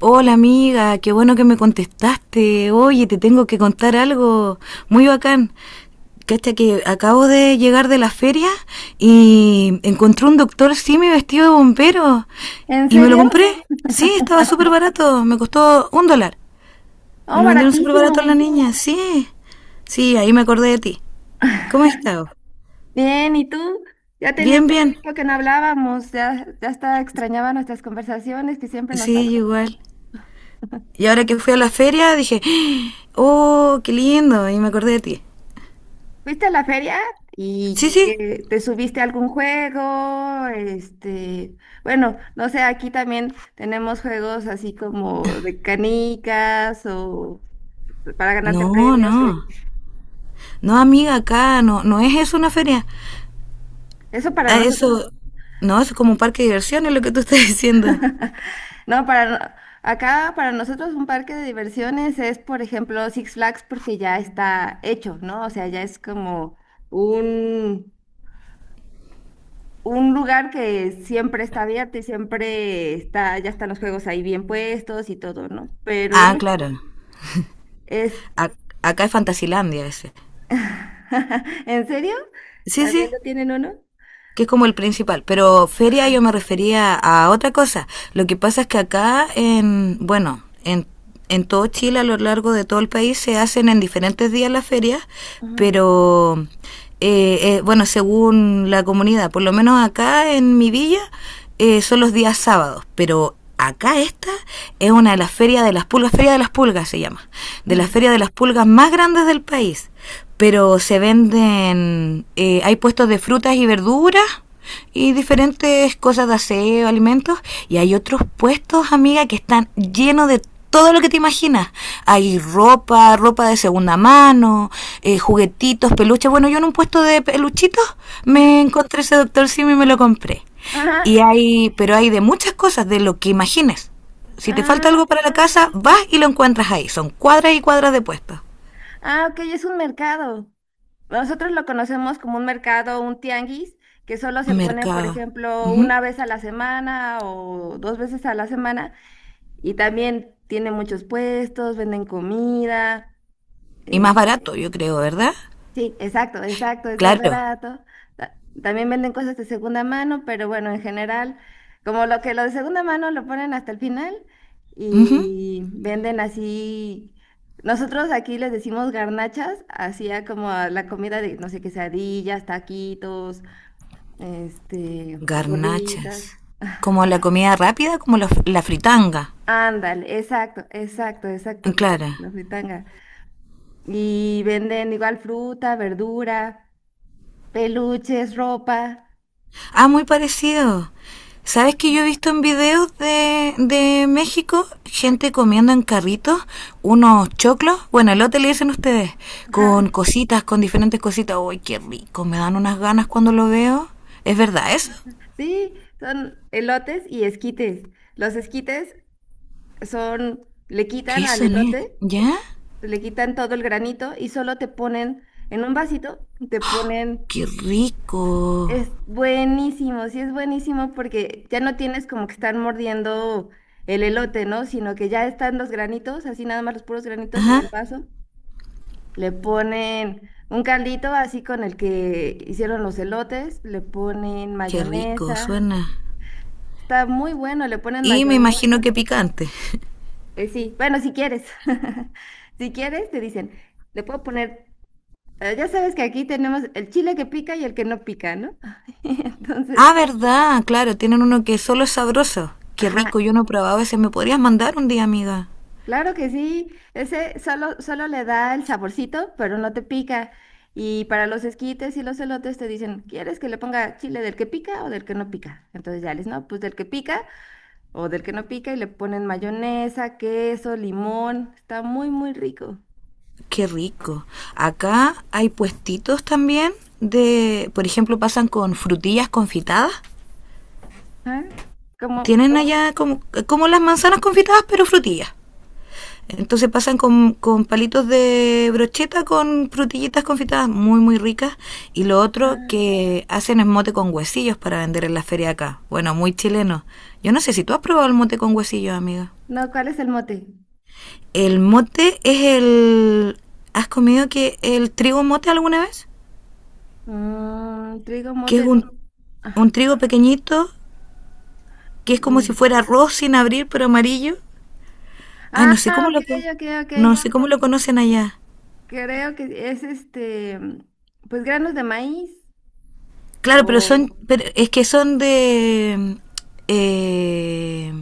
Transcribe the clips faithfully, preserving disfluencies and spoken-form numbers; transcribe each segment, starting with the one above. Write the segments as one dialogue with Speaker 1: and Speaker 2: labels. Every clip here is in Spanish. Speaker 1: Hola amiga, qué bueno que me contestaste. Oye, te tengo que contar algo muy bacán. Cacha que acabo de llegar de la feria y encontré un doctor Simi vestido de bombero
Speaker 2: ¿En
Speaker 1: y me lo
Speaker 2: serio?
Speaker 1: compré. Sí, estaba súper barato, me costó un dólar. Me
Speaker 2: Oh,
Speaker 1: lo vendieron súper
Speaker 2: baratísimo.
Speaker 1: barato a la niña, sí. Sí, ahí me acordé de ti. ¿Cómo has estado?
Speaker 2: Bien, ¿y tú? Ya tenía
Speaker 1: Bien,
Speaker 2: mucho
Speaker 1: bien.
Speaker 2: tiempo que no hablábamos, ya, ya hasta extrañaba nuestras conversaciones que siempre nos
Speaker 1: Sí,
Speaker 2: daban.
Speaker 1: yo igual. Y ahora que fui a la feria dije, oh, qué lindo, y me acordé de ti.
Speaker 2: ¿Fuiste a la feria
Speaker 1: Sí,
Speaker 2: y
Speaker 1: sí.
Speaker 2: eh, te subiste a algún juego? Este, bueno, no sé, aquí también tenemos juegos así como de canicas o para ganarte
Speaker 1: No,
Speaker 2: premios, o
Speaker 1: no.
Speaker 2: de-
Speaker 1: No, amiga, acá no, no es eso una feria.
Speaker 2: Eso para
Speaker 1: Ah,
Speaker 2: nosotros.
Speaker 1: eso, no, eso es como un parque de diversiones lo que tú estás diciendo.
Speaker 2: No, para no- Acá para nosotros un parque de diversiones es, por ejemplo, Six Flags, porque ya está hecho, ¿no? O sea, ya es como un, un lugar que siempre está abierto y siempre está, ya están los juegos ahí bien puestos y todo, ¿no? Pero
Speaker 1: Ah,
Speaker 2: uno
Speaker 1: claro.
Speaker 2: es,
Speaker 1: Ac- Acá es Fantasilandia ese.
Speaker 2: ¿en serio?
Speaker 1: Sí,
Speaker 2: ¿También
Speaker 1: sí,
Speaker 2: lo tienen uno?
Speaker 1: que es como el principal, pero feria
Speaker 2: Ajá.
Speaker 1: yo me refería a otra cosa. Lo que pasa es que acá, en, bueno, en, en todo Chile, a lo largo de todo el país, se hacen en diferentes días las ferias,
Speaker 2: Ujú.
Speaker 1: pero eh, eh, bueno, según la comunidad, por lo menos acá en mi villa, eh, son los días sábados, pero acá esta es una de las ferias de las pulgas, Feria de las Pulgas se llama, de las ferias de las pulgas más grandes del país. Pero se venden, eh, hay puestos de frutas y verduras y diferentes cosas de aseo, alimentos, y hay otros puestos, amiga, que están llenos de todo lo que te imaginas. Hay ropa, ropa de segunda mano, eh, juguetitos, peluches. Bueno, yo en un puesto de peluchitos me encontré ese doctor Simi y me lo compré.
Speaker 2: Ajá.
Speaker 1: Y hay, pero hay de muchas cosas, de lo que imagines. Si te falta
Speaker 2: Ah,
Speaker 1: algo para la
Speaker 2: sí,
Speaker 1: casa,
Speaker 2: sí,
Speaker 1: vas
Speaker 2: sí.
Speaker 1: y lo encuentras ahí. Son cuadras y cuadras de puestos.
Speaker 2: Ah, ok, es un mercado. Nosotros lo conocemos como un mercado, un tianguis, que solo se pone, por
Speaker 1: Mercado.
Speaker 2: ejemplo,
Speaker 1: Ujú.
Speaker 2: una vez a la semana o dos veces a la semana. Y también tiene muchos puestos, venden comida,
Speaker 1: Y más
Speaker 2: eh,
Speaker 1: barato, yo creo, ¿verdad?
Speaker 2: sí, exacto, exacto, es más
Speaker 1: Claro.
Speaker 2: barato. Ta- También venden cosas de segunda mano, pero bueno, en general, como lo que lo de segunda mano lo ponen hasta el final
Speaker 1: Ujú.
Speaker 2: y venden así. Nosotros aquí les decimos garnachas, hacía como a la comida de, no sé, quesadillas, taquitos, este,
Speaker 1: Garnachas.
Speaker 2: gorditas.
Speaker 1: Como la comida rápida, como la, la fritanga.
Speaker 2: Ándale, exacto, exacto, exacto, como
Speaker 1: Claro.
Speaker 2: la fritanga. Y venden igual fruta, verdura, peluches, ropa.
Speaker 1: Ah, muy parecido. ¿Sabes que yo he visto en videos de, de México gente comiendo en carritos unos choclos? Bueno, elote le dicen ustedes,
Speaker 2: Ajá.
Speaker 1: con cositas, con diferentes cositas. ¡Uy, qué rico! Me dan unas ganas cuando lo veo. ¿Es verdad eso?
Speaker 2: Sí, son elotes y esquites. Los esquites son, le quitan
Speaker 1: ¿Qué
Speaker 2: al
Speaker 1: son? eh?
Speaker 2: elote,
Speaker 1: ¿Ya?
Speaker 2: le quitan todo el granito y solo te ponen en un vasito, te ponen,
Speaker 1: ¡Qué rico!
Speaker 2: es buenísimo, sí es buenísimo porque ya no tienes como que estar mordiendo el elote, ¿no? Sino que ya están los granitos, así nada más los puros granitos en
Speaker 1: Ajá,
Speaker 2: el vaso. Le ponen un caldito así con el que hicieron los elotes, le ponen
Speaker 1: qué rico,
Speaker 2: mayonesa.
Speaker 1: suena.
Speaker 2: Está muy bueno, le ponen
Speaker 1: Y me
Speaker 2: mayonesa.
Speaker 1: imagino que picante.
Speaker 2: Eh, sí, bueno, si quieres, si quieres, te dicen, le puedo poner, eh, ya sabes que aquí tenemos el chile que pica y el que no pica, ¿no? Entonces,
Speaker 1: Ah, ¿verdad? Claro, tienen uno que solo es sabroso. ¡Qué
Speaker 2: ajá,
Speaker 1: rico! Yo no he probado ese. ¿Me podrías mandar un día, amiga?
Speaker 2: claro que sí, ese solo, solo le da el saborcito, pero no te pica. Y para los esquites y los elotes te dicen, ¿quieres que le ponga chile del que pica o del que no pica? Entonces ya les, no, pues del que pica o del que no pica, y le ponen mayonesa, queso, limón, está muy, muy rico.
Speaker 1: Qué rico. Acá hay puestitos también de, por ejemplo, pasan con frutillas confitadas.
Speaker 2: ¿Ah? Como,
Speaker 1: Tienen allá como, como las manzanas confitadas, pero frutillas. Entonces pasan con, con palitos de brocheta con frutillitas confitadas muy, muy ricas. Y lo otro que hacen es mote con huesillos para vender en la feria acá. Bueno, muy chileno. Yo no sé si tú has probado el mote con huesillos, amiga.
Speaker 2: no, ¿cuál es el mote?
Speaker 1: El mote es el... ¿Has comido que el trigo mote alguna vez?
Speaker 2: Mm, trigo
Speaker 1: Que es
Speaker 2: mote. no-
Speaker 1: un, un
Speaker 2: Ajá, ca-
Speaker 1: trigo pequeñito, que es como si
Speaker 2: mm.
Speaker 1: fuera arroz sin abrir, pero amarillo. Ay,
Speaker 2: Ah,
Speaker 1: no sé cómo
Speaker 2: ok,
Speaker 1: lo,
Speaker 2: ok,
Speaker 1: no
Speaker 2: ok.
Speaker 1: sé cómo lo conocen allá.
Speaker 2: Creo que es este, mm, pues granos de maíz.
Speaker 1: Claro, pero
Speaker 2: O.
Speaker 1: son, pero es que son de, eh,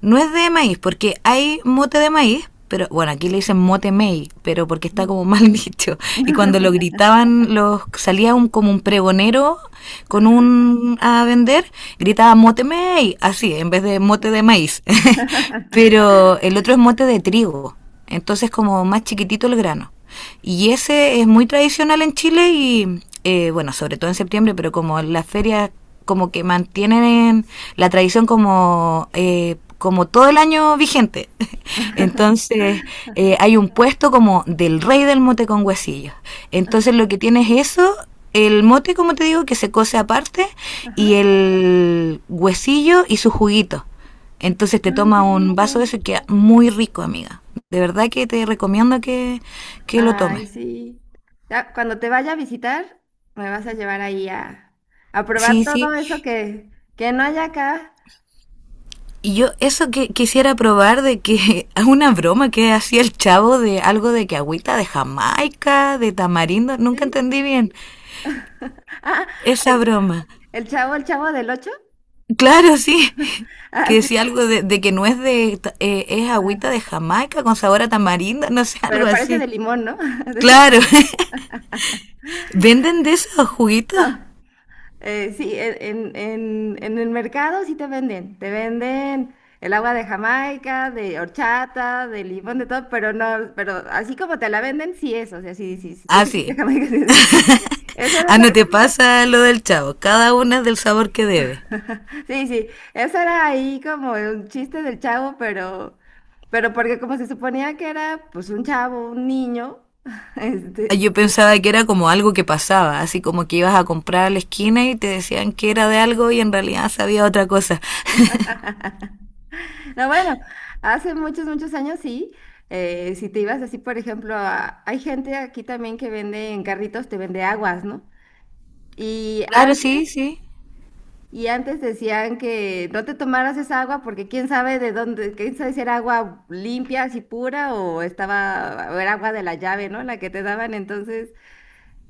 Speaker 1: no es de maíz, porque hay mote de maíz, pero bueno, aquí le dicen mote mei, pero porque está
Speaker 2: Ujú.
Speaker 1: como mal dicho. Y cuando lo gritaban, los salía un, como un pregonero con
Speaker 2: Ajá.
Speaker 1: un a vender, gritaba mote mei, así, en vez de mote de maíz. Pero el otro es mote de trigo. Entonces como más chiquitito el grano. Y ese es muy tradicional en Chile y, eh, bueno, sobre todo en septiembre, pero como las ferias como que mantienen la tradición como... Eh, como todo el año vigente. Entonces, eh, hay un puesto como del rey del mote con huesillos. Entonces, lo que tienes es eso, el mote, como te digo, que se cose aparte,
Speaker 2: Ajá.
Speaker 1: y el huesillo y su juguito. Entonces te
Speaker 2: Ay, qué
Speaker 1: toma un
Speaker 2: rico.
Speaker 1: vaso de eso y queda muy rico, amiga. De verdad que te recomiendo que, que lo
Speaker 2: Ay,
Speaker 1: tomes.
Speaker 2: sí. Ya, cuando te vaya a visitar, me vas a llevar ahí a, a probar
Speaker 1: Sí, sí.
Speaker 2: todo eso que, que no hay acá.
Speaker 1: Y yo eso que quisiera probar de que una broma que hacía el chavo de algo de que agüita de Jamaica, de tamarindo, nunca
Speaker 2: ¿Sí?
Speaker 1: entendí bien
Speaker 2: Ah,
Speaker 1: esa
Speaker 2: el,
Speaker 1: broma.
Speaker 2: el chavo, el chavo del ocho.
Speaker 1: Claro, sí. Que
Speaker 2: Ah, sí.
Speaker 1: decía algo de, de que no es de, ta- eh, es agüita
Speaker 2: Ajá.
Speaker 1: de Jamaica con sabor a tamarindo, no sé, algo
Speaker 2: Pero parece
Speaker 1: así.
Speaker 2: de limón, ¿no? De-
Speaker 1: Claro. ¿Venden de esos juguitos?
Speaker 2: no. Eh, sí, en, en- en- en el mercado sí te venden, te venden el agua de Jamaica, de horchata, de limón, de todo, pero no, pero así como te la venden, sí es, o sea, sí, sí, sí, te
Speaker 1: Ah,
Speaker 2: dicen que de
Speaker 1: sí.
Speaker 2: Jamaica, sí, es de Jamaica. Eso era
Speaker 1: Ah,
Speaker 2: una-
Speaker 1: no te pasa lo del chavo. Cada una es del sabor que debe.
Speaker 2: sí, sí, eso era ahí como un chiste del chavo, pero, pero porque como se suponía que era pues un chavo, un niño,
Speaker 1: Ah,
Speaker 2: este...
Speaker 1: yo pensaba que era como algo que pasaba, así como que ibas a comprar a la esquina y te decían que era de algo y en realidad sabía otra cosa.
Speaker 2: No, bueno, hace muchos, muchos años sí. eh, si te ibas así, por ejemplo, a- hay gente aquí también que vende en carritos, te vende aguas, ¿no? Y
Speaker 1: Claro, sí,
Speaker 2: antes,
Speaker 1: sí.
Speaker 2: y antes decían que no te tomaras esa agua porque quién sabe de dónde, quién sabe si era agua limpia, así pura o estaba, o era agua de la llave, ¿no? La que te daban. Entonces,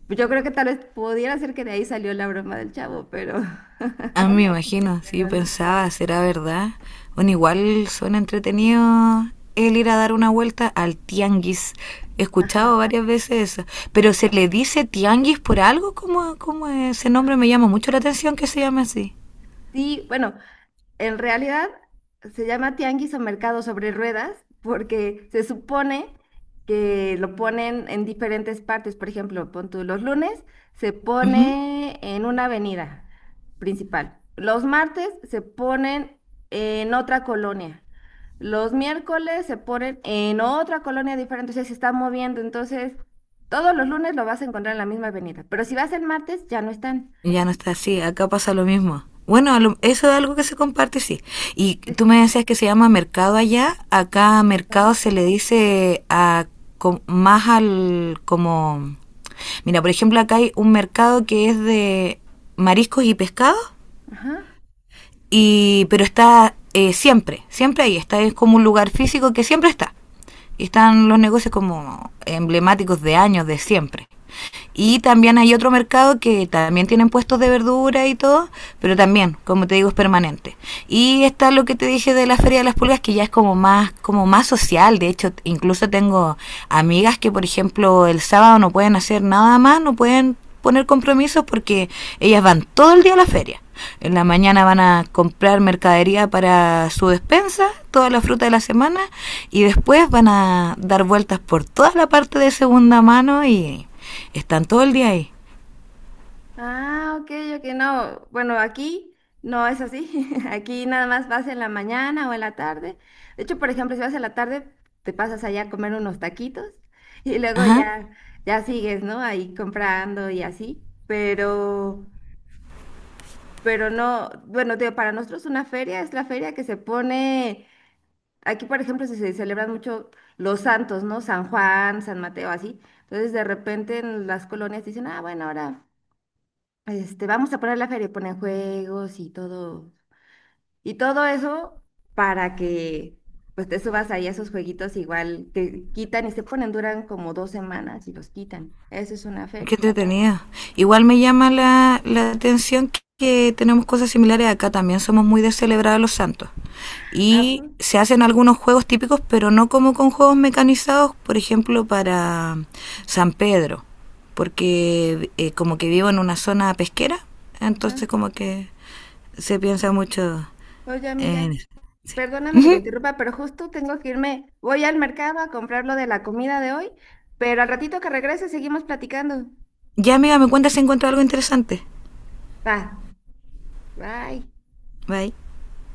Speaker 2: pues yo creo que tal vez pudiera ser que de ahí salió la broma del chavo, pero,
Speaker 1: Ah, me imagino. Sí, yo
Speaker 2: pero no.
Speaker 1: pensaba, ¿será verdad? Bueno, igual suena entretenido el ir a dar una vuelta al tianguis. He
Speaker 2: Ajá.
Speaker 1: escuchado varias veces eso. Pero ¿se le dice tianguis por algo? ¿Como ese nombre me llama mucho la atención que se llame así?
Speaker 2: Sí, bueno, en realidad se llama tianguis o mercado sobre ruedas porque se supone que lo ponen en diferentes partes. Por ejemplo, pon tú, los lunes se
Speaker 1: Ujú.
Speaker 2: pone en una avenida principal. Los martes se ponen en otra colonia. Los miércoles se ponen en otra colonia diferente. O sea, se está moviendo. Entonces, todos los lunes lo vas a encontrar en la misma avenida. Pero si vas el martes, ya no están.
Speaker 1: Ya no está así, acá pasa lo mismo. Bueno, lo- eso es algo que se comparte, sí. Y tú me decías que se llama mercado allá, acá mercado
Speaker 2: Está-
Speaker 1: se le dice a, com- más al como... Mira, por ejemplo, acá hay un mercado que es de mariscos y pescados,
Speaker 2: Ajá.
Speaker 1: y, pero está eh, siempre, siempre ahí, está, es como un lugar físico que siempre está. Y están los negocios como emblemáticos de años, de siempre. Y también hay otro mercado que también tienen puestos de verdura y todo, pero también, como te digo, es permanente. Y está lo que te dije de la Feria de las Pulgas, que ya es como más, como más social. De hecho, incluso tengo amigas que, por ejemplo, el sábado no pueden hacer nada más, no pueden poner compromisos porque ellas van todo el día a la feria. En la mañana van a comprar mercadería para su despensa, toda la fruta de la semana, y después van a dar vueltas por toda la parte de segunda mano y están todo el día ahí.
Speaker 2: Ah, ok, ok, no. Bueno, aquí no es así. Aquí nada más vas en la mañana o en la tarde. De hecho, por ejemplo, si vas en la tarde, te pasas allá a comer unos taquitos y luego
Speaker 1: Ajá.
Speaker 2: ya, ya sigues, ¿no? Ahí comprando y así. Pero, pero no, bueno, te digo, para nosotros una feria es la feria que se pone. Aquí, por ejemplo, se, se celebran mucho los santos, ¿no? San Juan, San Mateo, así. Entonces, de repente en las colonias dicen, ah, bueno, ahora. Este, vamos a parar la feria y ponen juegos y todo, y todo eso para que pues te subas ahí a esos jueguitos igual te quitan y se ponen, duran como dos semanas y los quitan. Eso es una
Speaker 1: Qué
Speaker 2: feria.
Speaker 1: entretenido. Igual me llama la, la atención que, que tenemos cosas similares acá. También somos muy de celebrar a los santos.
Speaker 2: Ah,
Speaker 1: Y
Speaker 2: pues,
Speaker 1: se hacen algunos juegos típicos, pero no como con juegos mecanizados, por ejemplo, para San Pedro. Porque eh, como que vivo en una zona pesquera,
Speaker 2: ajá.
Speaker 1: entonces como que se piensa mucho
Speaker 2: Oye,
Speaker 1: en
Speaker 2: amiga,
Speaker 1: eso.
Speaker 2: perdóname que te
Speaker 1: Ujú.
Speaker 2: interrumpa, pero justo tengo que irme. Voy al mercado a comprar lo de la comida de hoy, pero al ratito que regrese seguimos platicando.
Speaker 1: Ya, amiga, me cuenta si encuentro algo interesante.
Speaker 2: Va, bye.
Speaker 1: Bye.